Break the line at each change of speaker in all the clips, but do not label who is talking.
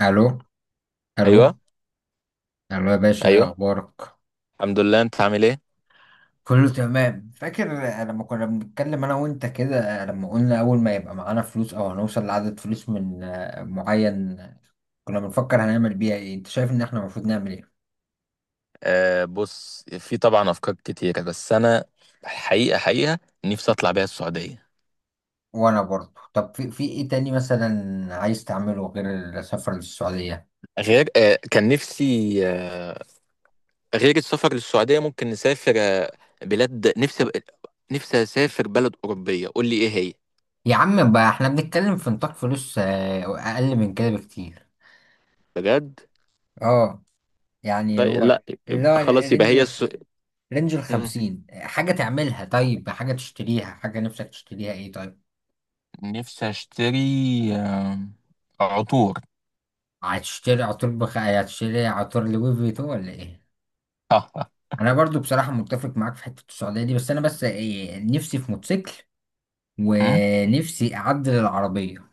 الو. الو.
ايوه،
الو يا باشا، ايه
ايوه.
اخبارك؟
الحمد لله، انت عامل ايه؟
كله تمام. فاكر لما كنا بنتكلم انا وانت كده، لما قلنا اول ما يبقى معانا فلوس او هنوصل لعدد فلوس من معين، كنا بنفكر هنعمل بيها ايه. انت شايف ان احنا المفروض نعمل ايه؟
بص، في طبعا افكار كتيره، بس انا حقيقه حقيقه نفسي اطلع بيها السعوديه.
وانا برضه. طب في ايه تاني مثلا عايز تعمله غير السفر للسعودية؟
غير كان نفسي. آه غير السفر للسعوديه، ممكن نسافر بلاد. نفسي نفسي اسافر بلد اوروبيه، قول لي ايه هي.
يا عم بقى، احنا بنتكلم في نطاق فلوس اقل من كده بكتير.
بجد؟
اه، يعني
طيب،
هو،
لا.
اللي هو
يبقى خلاص، يبقى هي
الرينج،
الس...
رينج
مم.
الخمسين، حاجة تعملها، طيب، حاجة تشتريها، حاجة نفسك تشتريها ايه، طيب.
نفسي اشتري عطور.
هتشتري عطور لوي فيتو ولا ايه؟ انا برضو بصراحة متفق معاك في حتة السعودية دي، بس انا، بس إيه، نفسي في موتوسيكل، ونفسي اعدل العربية.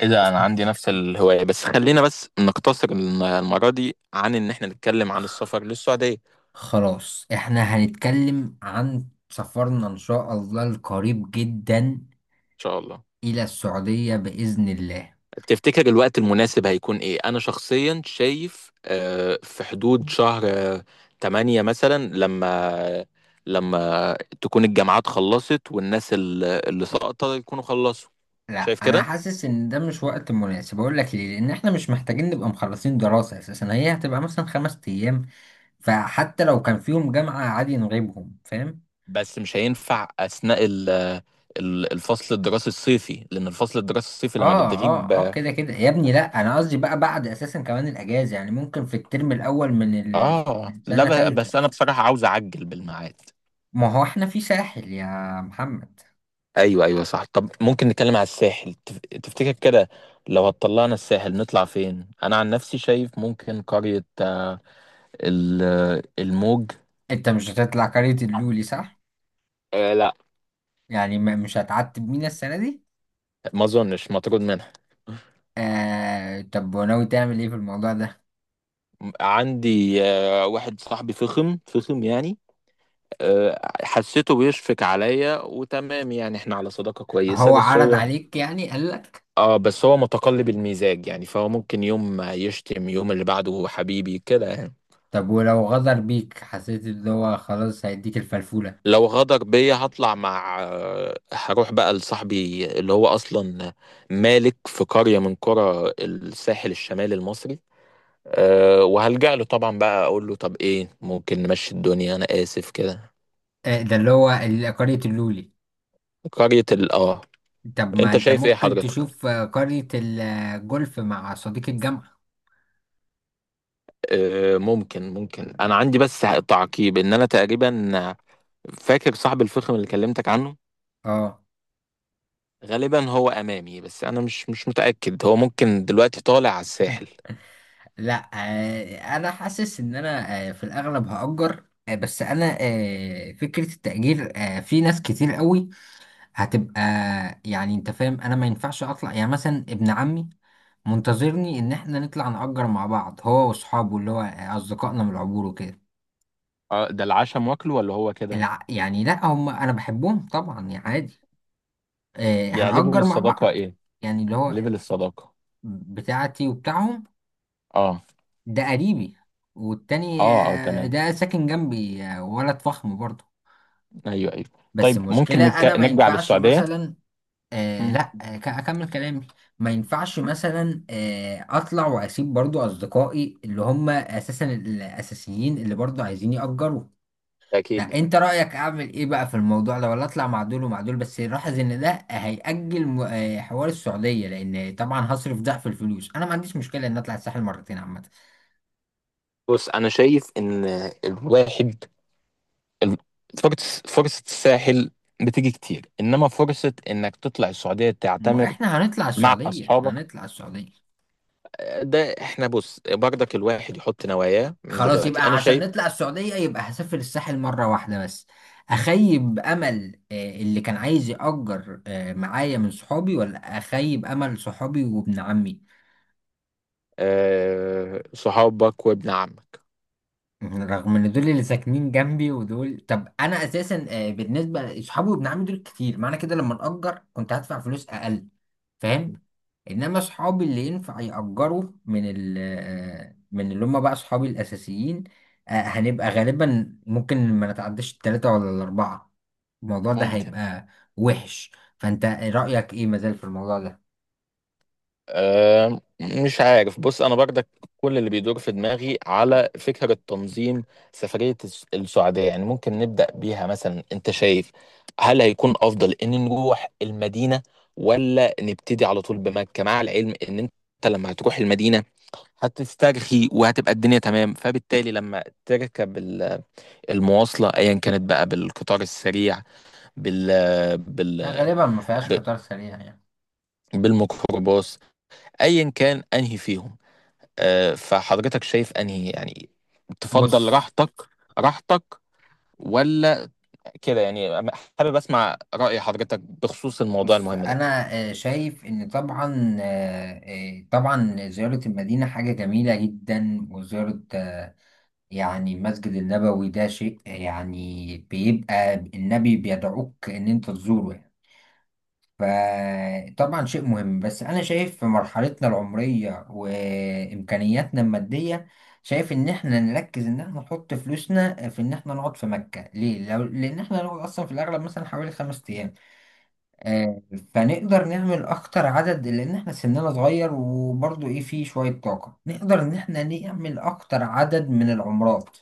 ايه ده؟
بس
انا عندي نفس الهواية، بس خلينا بس نقتصر المرة دي عن ان احنا نتكلم عن السفر للسعودية. ان
خلاص، احنا هنتكلم عن سفرنا ان شاء الله القريب جدا
شاء الله.
الى السعودية بإذن الله.
تفتكر الوقت المناسب هيكون ايه؟ انا شخصيا شايف في حدود شهر 8 مثلا، لما لما تكون الجامعات خلصت والناس اللي سقطت يكونوا خلصوا.
لا،
شايف
انا
كده.
حاسس ان ده مش وقت مناسب. اقول لك ليه؟ لان احنا مش محتاجين نبقى مخلصين دراسة اساسا، هي هتبقى مثلا 5 ايام، فحتى لو كان فيهم جامعة عادي نغيبهم. فاهم؟
بس مش هينفع اثناء الفصل الدراسي الصيفي، لان الفصل الدراسي الصيفي لما
اه،
بتغيب.
اه، اه، كده كده يا ابني. لا، انا قصدي بقى بعد، اساسا كمان الاجازة، يعني ممكن في الترم الاول
اه،
من
لا.
سنة
بس
تالتة.
انا بصراحة عاوز اعجل بالميعاد.
ما هو احنا في ساحل يا محمد.
ايوه، ايوه، صح. طب ممكن نتكلم على الساحل؟ تفتكر كده؟ لو هتطلعنا الساحل، نطلع فين؟ انا عن نفسي شايف ممكن قرية الموج.
انت مش هتطلع قرية اللولي، صح؟
آه، لا.
يعني مش هتعتب مينا السنة دي؟
ما اظنش مطرود منها.
آه، طب وناوي تعمل ايه في الموضوع ده؟
عندي واحد صاحبي فخم فخم، يعني حسيته بيشفق عليا وتمام، يعني احنا على صداقة كويسة،
هو
بس
عرض
هو
عليك، يعني قال لك؟
اه بس هو متقلب المزاج، يعني فهو ممكن يوم يشتم يوم اللي بعده حبيبي كده، يعني
طب ولو غدر بيك، حسيت اللي هو خلاص هيديك الفلفولة؟
لو غدر بيا هطلع مع هروح بقى لصاحبي، اللي هو اصلا مالك في قرية من قرى الساحل الشمالي المصري. أه، وهلجأ له طبعا، بقى اقول له طب ايه، ممكن نمشي الدنيا، انا اسف كده.
آه، ده اللي هو قرية اللولي.
قرية ال اه
طب ما
انت
انت
شايف ايه
ممكن
حضرتك؟
تشوف قرية الجولف مع صديق الجامعة.
أه، ممكن، ممكن. انا عندي بس تعقيب، ان انا تقريبا فاكر صاحب الفخم اللي كلمتك عنه،
اه،
غالبا هو امامي، بس انا مش متاكد، هو ممكن دلوقتي طالع على الساحل.
لا. آه، انا حاسس ان انا في الاغلب هأجر. بس انا، فكرة التأجير في ناس كتير قوي هتبقى. يعني انت فاهم، انا ما ينفعش اطلع، يعني مثلا ابن عمي منتظرني ان احنا نطلع نأجر مع بعض، هو واصحابه اللي هو اصدقائنا من العبور وكده.
اه، ده العشاء مواكله ولا هو كده؟
يعني لا، هم انا بحبهم طبعا يعني عادي. آه،
يعني ليفل
هنأجر مع
الصداقة
بعض.
ايه؟
يعني اللي هو
ليفل الصداقة.
بتاعتي وبتاعهم.
اه،
ده قريبي، والتاني
اه، اه، تمام.
ده ساكن جنبي، ولد فخم برضه.
ايوه، ايوه.
بس
طيب ممكن
المشكلة انا ما
نرجع
ينفعش
للسعودية؟
مثلا. آه
مم.
لا آه، ك- اكمل كلامي ما ينفعش مثلا اطلع واسيب برضه اصدقائي اللي هم اساسا الاساسيين اللي برضه عايزين يأجروا.
اكيد.
لا، انت رأيك اعمل ايه بقى في الموضوع ده؟ ولا اطلع مع دول ومع دول؟ بس لاحظ ان ده هيأجل حوار السعودية، لان طبعا هصرف ضعف الفلوس. انا ما عنديش مشكلة ان اطلع الساحل مرتين عامة.
بص، انا شايف ان الواحد ال- فرصه الساحل بتيجي كتير، انما فرصه انك تطلع السعوديه
ما هو
تعتمر
احنا هنطلع
مع
السعودية،
اصحابك
هنطلع السعودية.
ده احنا، بص برضك الواحد يحط نواياه من
خلاص،
دلوقتي.
يبقى
انا
عشان
شايف
نطلع السعودية يبقى هسافر الساحل مرة واحدة بس. اخيب امل اللي كان عايز يأجر معايا من صحابي، ولا اخيب امل صحابي وابن عمي؟
صحابك وابن عمك.
رغم ان دول اللي ساكنين جنبي ودول. طب انا اساسا، بالنسبه لاصحابي وابن عمي دول كتير، معنى كده لما نأجر كنت هدفع فلوس اقل. فاهم؟ انما اصحابي اللي ينفع يأجروا من ال من اللي هم بقى اصحابي الاساسيين، هنبقى غالبا ممكن ما نتعداش التلاتة ولا الاربعة. الموضوع ده
ممكن.
هيبقى وحش. فانت رأيك ايه مازال في الموضوع ده؟
آه، مش عارف. بص، انا برضك كل اللي بيدور في دماغي على فكرة تنظيم سفرية السعودية، يعني ممكن نبدأ بيها مثلا. انت شايف هل هيكون افضل ان نروح المدينة، ولا نبتدي على طول بمكة؟ مع العلم ان انت لما هتروح المدينة هتسترخي، وهتبقى الدنيا تمام، فبالتالي لما تركب المواصلة ايا كانت بقى، بالقطار السريع، بال بال
غالبا ما فيهاش قطار سريع يعني.
بالميكروباص، ايا كان انهي فيهم. فحضرتك شايف انهي يعني تفضل
بص.
راحتك؟ راحتك ولا كده، يعني؟ حابب اسمع رأي حضرتك بخصوص الموضوع
بص،
المهم ده.
انا شايف ان طبعا، طبعا زيارة المدينة حاجة جميلة جدا، وزيارة يعني المسجد النبوي، ده شيء يعني بيبقى النبي بيدعوك ان انت تزوره يعني. فطبعا شيء مهم، بس انا شايف في مرحلتنا العمرية وامكانياتنا المادية، شايف ان احنا نركز ان احنا نحط فلوسنا في ان احنا نقعد في مكة. ليه؟ لو لان احنا نقعد اصلا في الاغلب مثلا حوالي 5 ايام، آه، فنقدر نعمل اكتر عدد، لان احنا سننا صغير وبرضو ايه، فيه شوية طاقة نقدر ان احنا نعمل اكتر عدد من العمرات.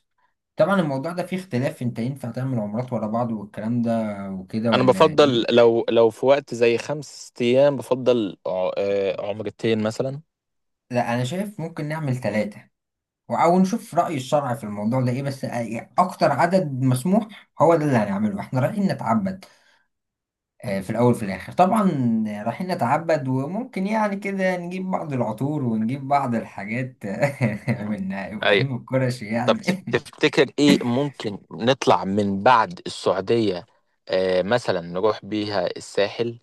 طبعا الموضوع ده فيه اختلاف، انت ينفع تعمل عمرات ورا بعض والكلام ده وكده
انا
ولا
بفضل
ايه؟
لو في وقت زي 5 ايام، بفضل عمرتين مثلا.
لا، انا شايف ممكن نعمل ثلاثة، او نشوف رأي الشرع في الموضوع ده ايه، بس اكتر عدد مسموح هو ده اللي هنعمله. احنا رايحين نتعبد في الأول وفي الآخر طبعا، رايحين نتعبد. وممكن يعني كده نجيب بعض العطور ونجيب بعض الحاجات من
ايوه.
إبراهيم القرشي
طب،
يعني
تفتكر ايه ممكن نطلع من بعد السعودية؟ مثلا نروح بيها الساحل.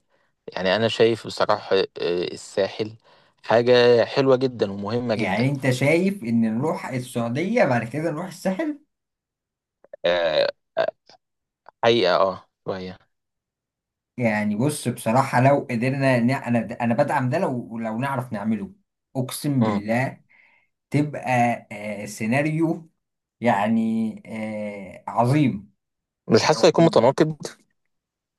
يعني أنا شايف بصراحة الساحل حاجة حلوة جدا ومهمة
يعني
جدا.
أنت شايف إن نروح السعودية بعد كده نروح الساحل؟
آه، آه، حقيقة اه، شوية.
يعني بص، بصراحة لو قدرنا أنا، أنا بدعم ده، لو لو نعرف نعمله، أقسم
مم.
بالله. تبقى سيناريو يعني عظيم.
مش حاسه هيكون متناقض؟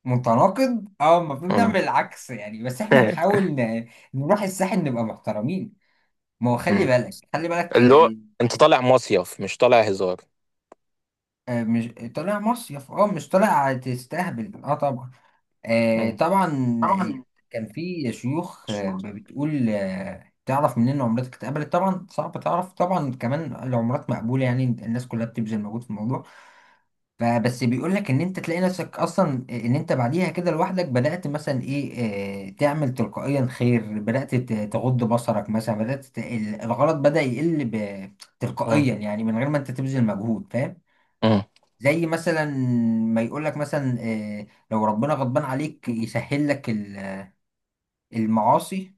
متناقض، اه، المفروض نعمل
مم.
العكس يعني، بس احنا نحاول نروح الساحل نبقى محترمين. ما هو خلي
مم.
بالك، خلي بالك،
اللي هو انت طالع مصيف، مش طالع هزار.
مش طالع مصيف، اه مش طالع تستهبل، اه طبعا.
مم.
طبعا. آه، كان في شيوخ بتقول تعرف منين عمرتك اتقبلت. طبعا صعب تعرف، طبعا كمان العمرات مقبولة يعني الناس كلها بتبذل مجهود في الموضوع، فبس بيقول لك ان انت تلاقي نفسك اصلا ان انت بعديها كده لوحدك، بدأت مثلا ايه، تعمل تلقائيا خير، بدأت تغض بصرك مثلا، بدأت الغلط بدأ يقل
مم.
تلقائيا، يعني من غير ما انت تبذل مجهود. فاهم؟
مم.
زي مثلا ما يقول لك مثلا، لو ربنا غضبان عليك يسهل لك المعاصي.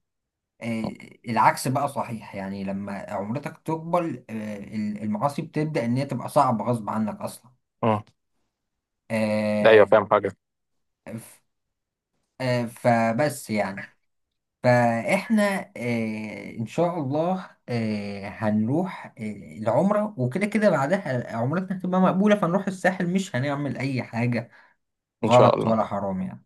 آه، العكس بقى صحيح، يعني لما عمرتك تكبر المعاصي بتبدأ ان هي تبقى صعبة غصب عنك اصلا.
مم. ايوه،
آه،
فاهم حاجة.
فبس يعني، فاحنا ان شاء الله هنروح العمرة وكده، كده بعدها عمرتنا هتبقى مقبولة، فنروح الساحل مش هنعمل اي حاجة
ان شاء
غلط
الله.
ولا حرام يعني.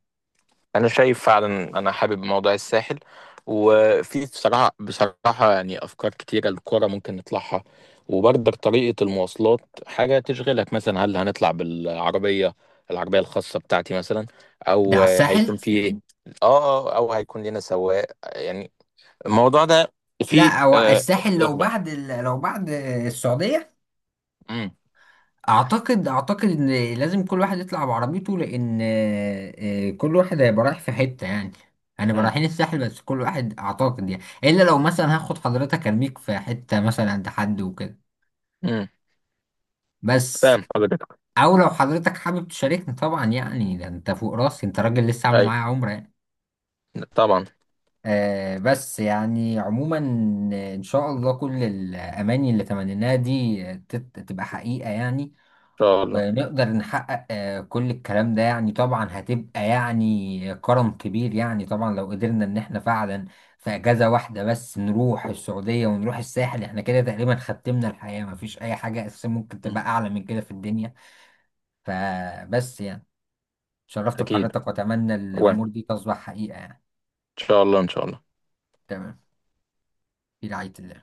انا شايف فعلا، انا حابب موضوع الساحل، وفي بصراحه بصراحه يعني افكار كتيره للكوره ممكن نطلعها. وبرضك طريقه المواصلات حاجه تشغلك، مثلا هل هنطلع بالعربيه؟ العربيه الخاصه بتاعتي مثلا،
ده
او
على الساحل.
هيكون في... اه، او هيكون لنا سواق، يعني. الموضوع ده في
لا، هو الساحل لو
لخبطه.
بعد لو بعد السعودية.
امم
اعتقد ان لازم كل واحد يطلع بعربيته، لان كل واحد هيبقى رايح في حته يعني، هنبقى
امم
رايحين الساحل بس كل واحد اعتقد يعني. الا لو مثلا هاخد حضرتك ارميك في حته مثلا عند حد وكده
امم
بس.
فاهم حضرتك.
او لو حضرتك حابب تشاركني طبعا، يعني ده انت فوق راسي، انت راجل لسه عامل
اي،
معايا عمره يعني.
طبعا. ان
آه بس يعني عموما، ان شاء الله كل الاماني اللي تمنيناها دي تبقى حقيقه يعني،
شاء الله.
نقدر نحقق كل الكلام ده يعني. طبعا هتبقى يعني كرم كبير يعني، طبعا لو قدرنا ان احنا فعلا في اجازة واحدة بس نروح السعودية ونروح الساحل، احنا كده تقريبا ختمنا الحياة، مفيش اي حاجة اساسا ممكن
مم.
تبقى اعلى من كده في الدنيا. فبس يعني شرفت
اكيد.
بحضرتك، واتمنى
وان ان
الامور دي تصبح حقيقة يعني.
شاء الله، ان شاء الله.
تمام. في رعاية الله.